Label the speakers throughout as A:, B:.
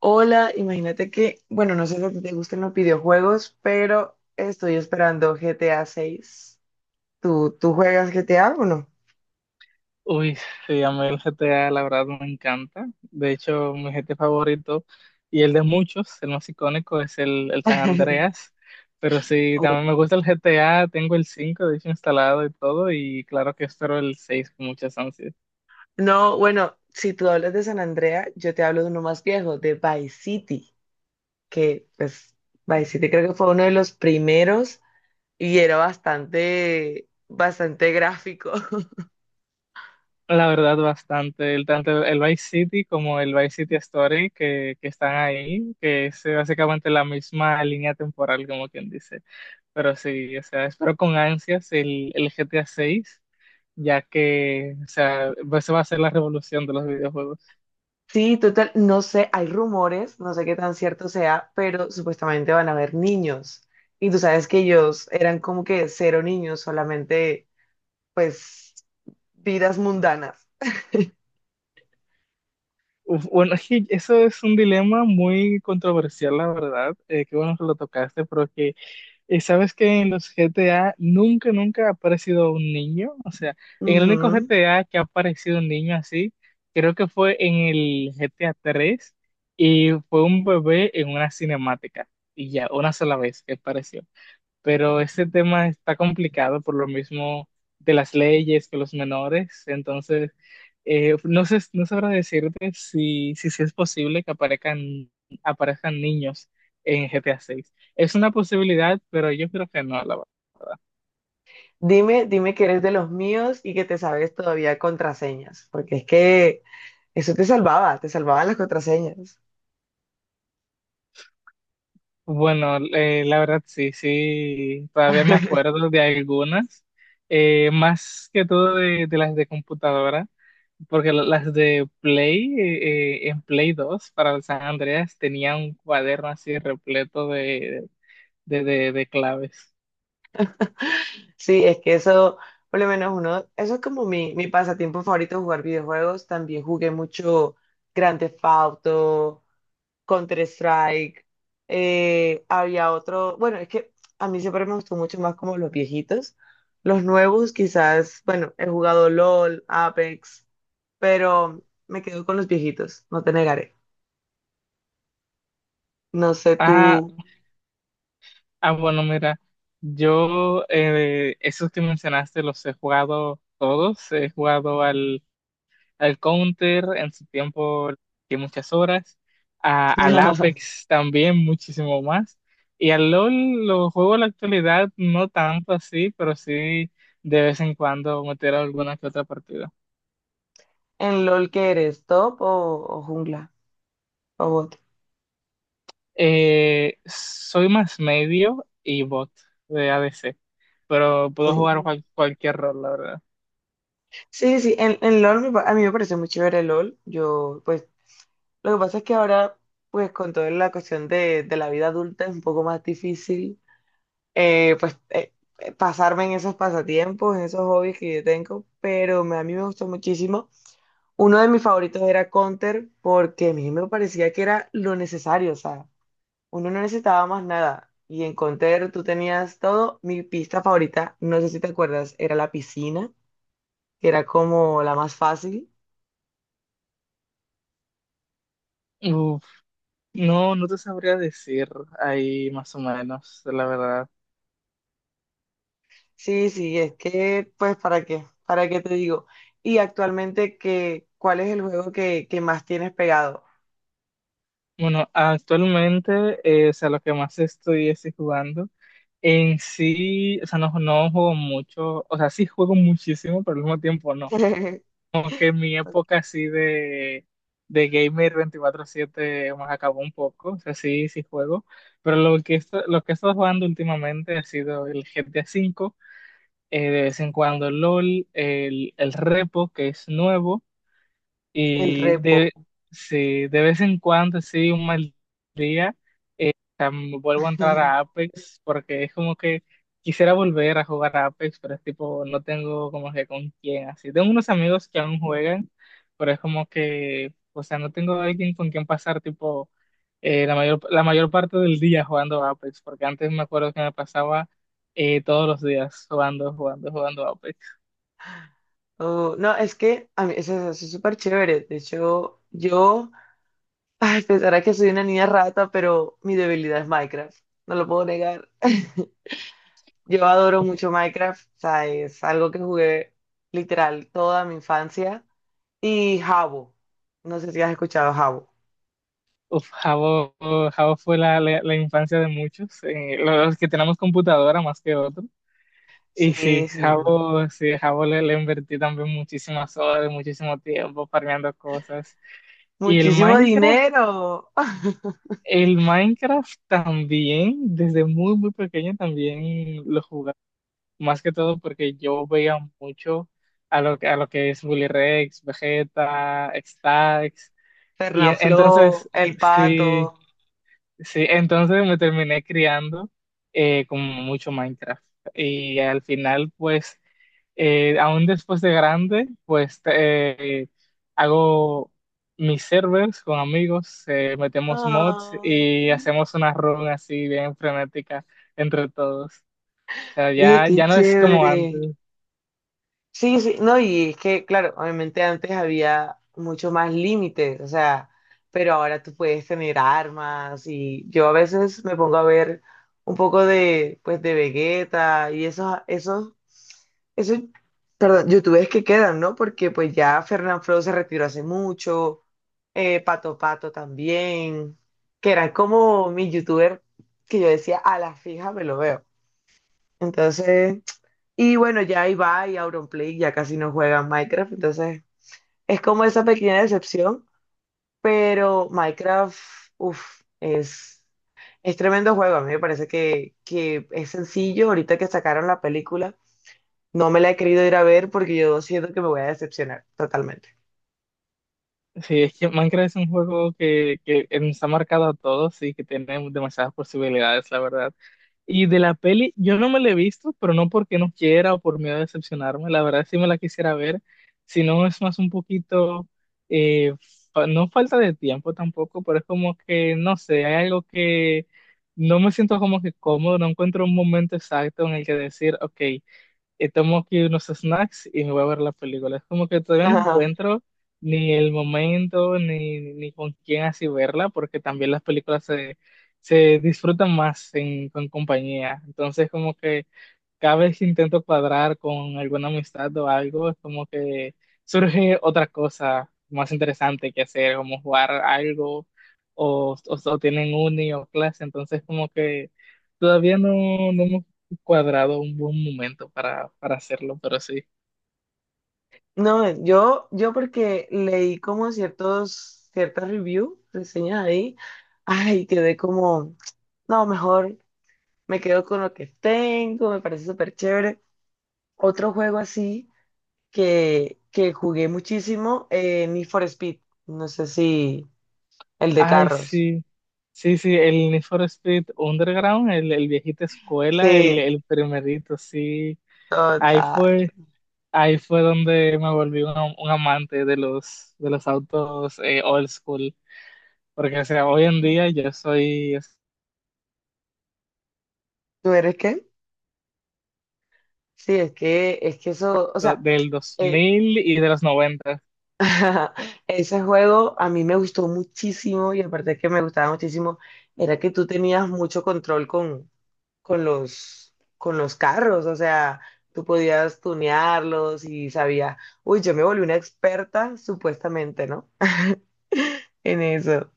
A: Hola, imagínate que, bueno, no sé si a ti te gustan los videojuegos, pero estoy esperando GTA 6. ¿Tú juegas GTA o no?
B: Uy, sí, a mí el GTA, la verdad, me encanta. De hecho, mi GTA favorito y el de muchos, el más icónico, es el San Andreas. Pero sí,
A: Oh.
B: también me gusta el GTA, tengo el 5, de hecho, instalado y todo. Y claro que espero el 6 con muchas ansias.
A: No, bueno, si tú hablas de San Andrea, yo te hablo de uno más viejo, de Vice City, que pues Vice City creo que fue uno de los primeros y era bastante, bastante gráfico.
B: La verdad, bastante. Tanto el Vice City como el Vice City Story que están ahí, que es básicamente la misma línea temporal, como quien dice. Pero sí, o sea, espero con ansias el GTA 6, ya que, o sea, pues, eso va a ser la revolución de los videojuegos.
A: Sí, total, no sé, hay rumores, no sé qué tan cierto sea, pero supuestamente van a haber niños. Y tú sabes que ellos eran como que cero niños, solamente pues vidas mundanas.
B: Uf, bueno, es que eso es un dilema muy controversial, la verdad. Qué bueno que lo tocaste, pero que sabes que en los G T A nunca, nunca ha aparecido un niño. O sea, en el único G
A: Ujú.
B: T A que ha aparecido un niño así, creo que fue en el GTA 3 y fue un bebé en una cinemática. Y ya, una sola vez que apareció. Pero ese tema está complicado por lo mismo de las leyes con los menores, entonces no sé, no sabrá decirte si es posible que aparezcan niños en GTA 6. Es una posibilidad, pero yo creo que no, la
A: Dime, dime que eres de los míos y que te sabes todavía contraseñas, porque es que eso te salvaba, te salvaban las contraseñas.
B: Bueno, la verdad sí, sí, todavía me acuerdo de algunas, más que todo de las de computadora, porque las de Play, en Play 2 para el San Andreas tenía un cuaderno así repleto de claves.
A: Sí, es que eso, por lo menos uno, eso es como mi pasatiempo favorito, jugar videojuegos. También jugué mucho Grand Theft Auto, Counter-Strike, había otro, bueno, es que a mí siempre me gustó mucho más como los viejitos. Los nuevos quizás, bueno, he jugado LOL, Apex, pero me quedo con los viejitos, no te negaré. No sé tú.
B: Ah, bueno, mira, yo esos que mencionaste los he jugado todos, he jugado al Counter en su tiempo que muchas horas, al Apex también muchísimo más, y al LOL lo juego en la actualidad no tanto así, pero sí de vez en cuando meter alguna que otra partida.
A: En LOL que eres, top o jungla o bot.
B: Soy más medio y bot de ADC, pero puedo
A: Sí,
B: jugar cualquier rol, la verdad.
A: sí, sí, en LOL me pa- a mí me parece muy chévere LOL. Yo, pues, lo que pasa es que ahora, pues, con toda la cuestión de la vida adulta es un poco más difícil eh, pues eh, pasarme en esos pasatiempos, en esos hobbies que yo tengo, pero me- a mí me gustó muchísimo. Uno de mis favoritos era Counter porque a mí me parecía que era lo necesario, o sea, uno no necesitaba más nada. Y en Counter tú tenías todo. Mi pista favorita, no sé si te acuerdas, era la piscina, que era como la más fácil.
B: Uf, no, no te sabría decir ahí más o menos, la verdad.
A: Sí, sí, es que, pues, ¿para qué? ¿Para qué te digo? Y actualmente, ¿qué, cuál es el juego que más tienes pegado?
B: Bueno, actualmente, o sea, lo que más estoy es jugando. En sí, o sea, no, no juego mucho, o sea, sí juego muchísimo, pero al mismo tiempo no. Como que mi época así de gamer 24/7 más acabó un poco, o sea, sí, sí juego, pero lo que he estado jugando últimamente ha sido el GTA V, de vez en cuando LOL, el Repo, que es nuevo.
A: El
B: Y
A: repo.
B: sí, de vez en cuando, sí, un mal día, eh, vuelvo a entrar a Apex porque es como que quisiera volver a jugar a Apex, pero es tipo, no tengo como que con quién así. Tengo unos amigos que aún juegan, pero es como que, o sea, no tengo alguien con quien pasar tipo la mayor parte del día jugando a Apex, porque antes me acuerdo que me pasaba todos los días jugando, jugando, jugando a Apex.
A: Oh, no, es que a mí eso, eso es súper chévere. De hecho, yo, ay, pensará que soy una niña rata, pero mi debilidad es Minecraft. No lo puedo negar. Yo adoro mucho Minecraft. O sea, es algo que jugué literal toda mi infancia. Y Jabo. No sé si has escuchado Jabo.
B: Uf, Jabo, Jabo fue la infancia de muchos, los que tenemos computadora más que otros. Y
A: Sí, sí.
B: Sí, Jabo le invertí también muchísimas horas, muchísimo tiempo farmeando cosas. Y el
A: Muchísimo
B: Minecraft,
A: dinero.
B: el Minecraft también, desde muy, muy pequeño también lo jugaba. Más que todo porque yo veía mucho a lo que es Willy Rex, Vegeta, Stacks. Y entonces,
A: Fernafloo, El Pato.
B: sí. Sí, entonces me terminé criando con mucho Minecraft. Y al final, pues, aún después de grande, pues hago mis servers con amigos, metemos mods
A: Ay.
B: y hacemos una run así bien frenética entre todos. O sea,
A: Oye,
B: ya,
A: qué
B: ya no es como antes.
A: chévere. Sí, sí, no, y es que, claro, obviamente antes había mucho más límites, o sea, pero ahora tú puedes tener armas y yo a veces me pongo a ver un poco de, pues, de Vegeta y esos, perdón, youtubers que quedan, ¿no? Porque pues ya Fernanfloo se retiró hace mucho, Pato Pato también, que eran como mis youtubers que yo decía, a la fija me lo veo. Entonces... Y bueno, ya Ibai y Auronplay ya casi no juegan Minecraft, entonces es como esa pequeña decepción, pero Minecraft, uff, es tremendo juego. A mí me parece que es sencillo. Ahorita que sacaron la película, no me la he querido ir a ver porque yo siento que me voy a decepcionar totalmente.
B: Sí, es que Minecraft es un juego que nos ha marcado a todos y que tiene demasiadas posibilidades, la verdad. Y de la peli, yo no me la he visto, pero no porque no quiera o por miedo a decepcionarme, la verdad sí me la quisiera ver, si no es más un poquito, eh, no falta de tiempo tampoco, pero es como que, no sé, hay algo que no me siento como que cómodo, no encuentro un momento exacto en el que decir, ok y tomo aquí unos snacks y me voy a ver la película. Es como que todavía no
A: Ajá.
B: encuentro ni el momento ni con quién así verla, porque también las películas se disfrutan más con compañía. Entonces, como que cada vez que intento cuadrar con alguna amistad o algo, es como que surge otra cosa más interesante que hacer, como jugar algo o tienen uni o clase, entonces como que todavía no, no hemos cuadrado un buen momento para hacerlo, pero sí.
A: No, yo porque leí como ciertos, ciertas reviews, reseñas ahí, ay, quedé como, no, mejor me quedo con lo que tengo, me parece súper chévere. Otro juego así que jugué muchísimo, Need for Speed. No sé si el de
B: Ay,
A: carros.
B: sí, sí, sí, el Need for Speed Underground, el viejito escuela, el,
A: Sí,
B: el primerito, sí. Ahí
A: total.
B: fue. Ahí fue donde me volví un amante de los autos old school, porque o sea, hoy en día yo soy o
A: ¿Tú eres qué? Sí, es que eso, o
B: sea,
A: sea,
B: del
A: eh,
B: 2000 y de los 90.
A: ese juego a mí me gustó muchísimo y aparte que me gustaba muchísimo, era que tú tenías mucho control con, con los carros, o sea, tú podías tunearlos y sabías, uy, yo me volví una experta, supuestamente, ¿no? En eso.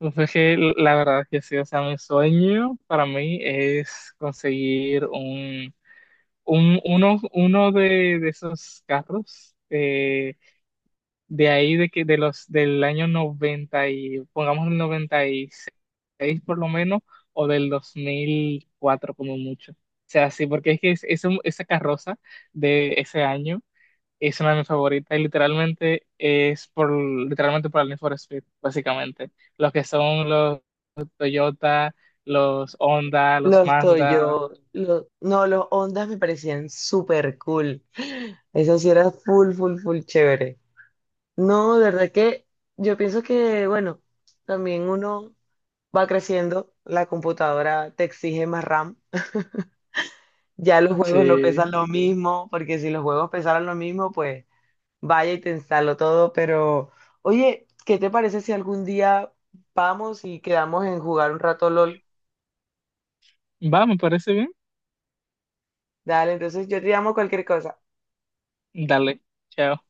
B: Entonces, que la verdad que sí, o sea, mi sueño para mí es conseguir uno de esos carros. De ahí de que de los del año 90 y pongamos el noventa y seis por lo menos o del 2004 como mucho. O sea, sí, porque es que esa carroza de ese año es una de mis favoritas y literalmente por el Need for Speed, básicamente. Los que son los Toyota, los Honda, los
A: Los
B: Mazda.
A: Toyo, los, no, los Ondas me parecían súper cool. Eso sí era full, full, full chévere. No, de verdad que yo pienso que, bueno, también uno va creciendo, la computadora te exige más RAM. Ya los juegos no
B: Sí.
A: pesan lo mismo, porque si los juegos pesaran lo mismo, pues vaya y te instalo todo. Pero, oye, ¿qué te parece si algún día vamos y quedamos en jugar un rato LOL?
B: Va, me parece bien.
A: Dale, entonces yo te llamo cualquier cosa.
B: Dale. Chao.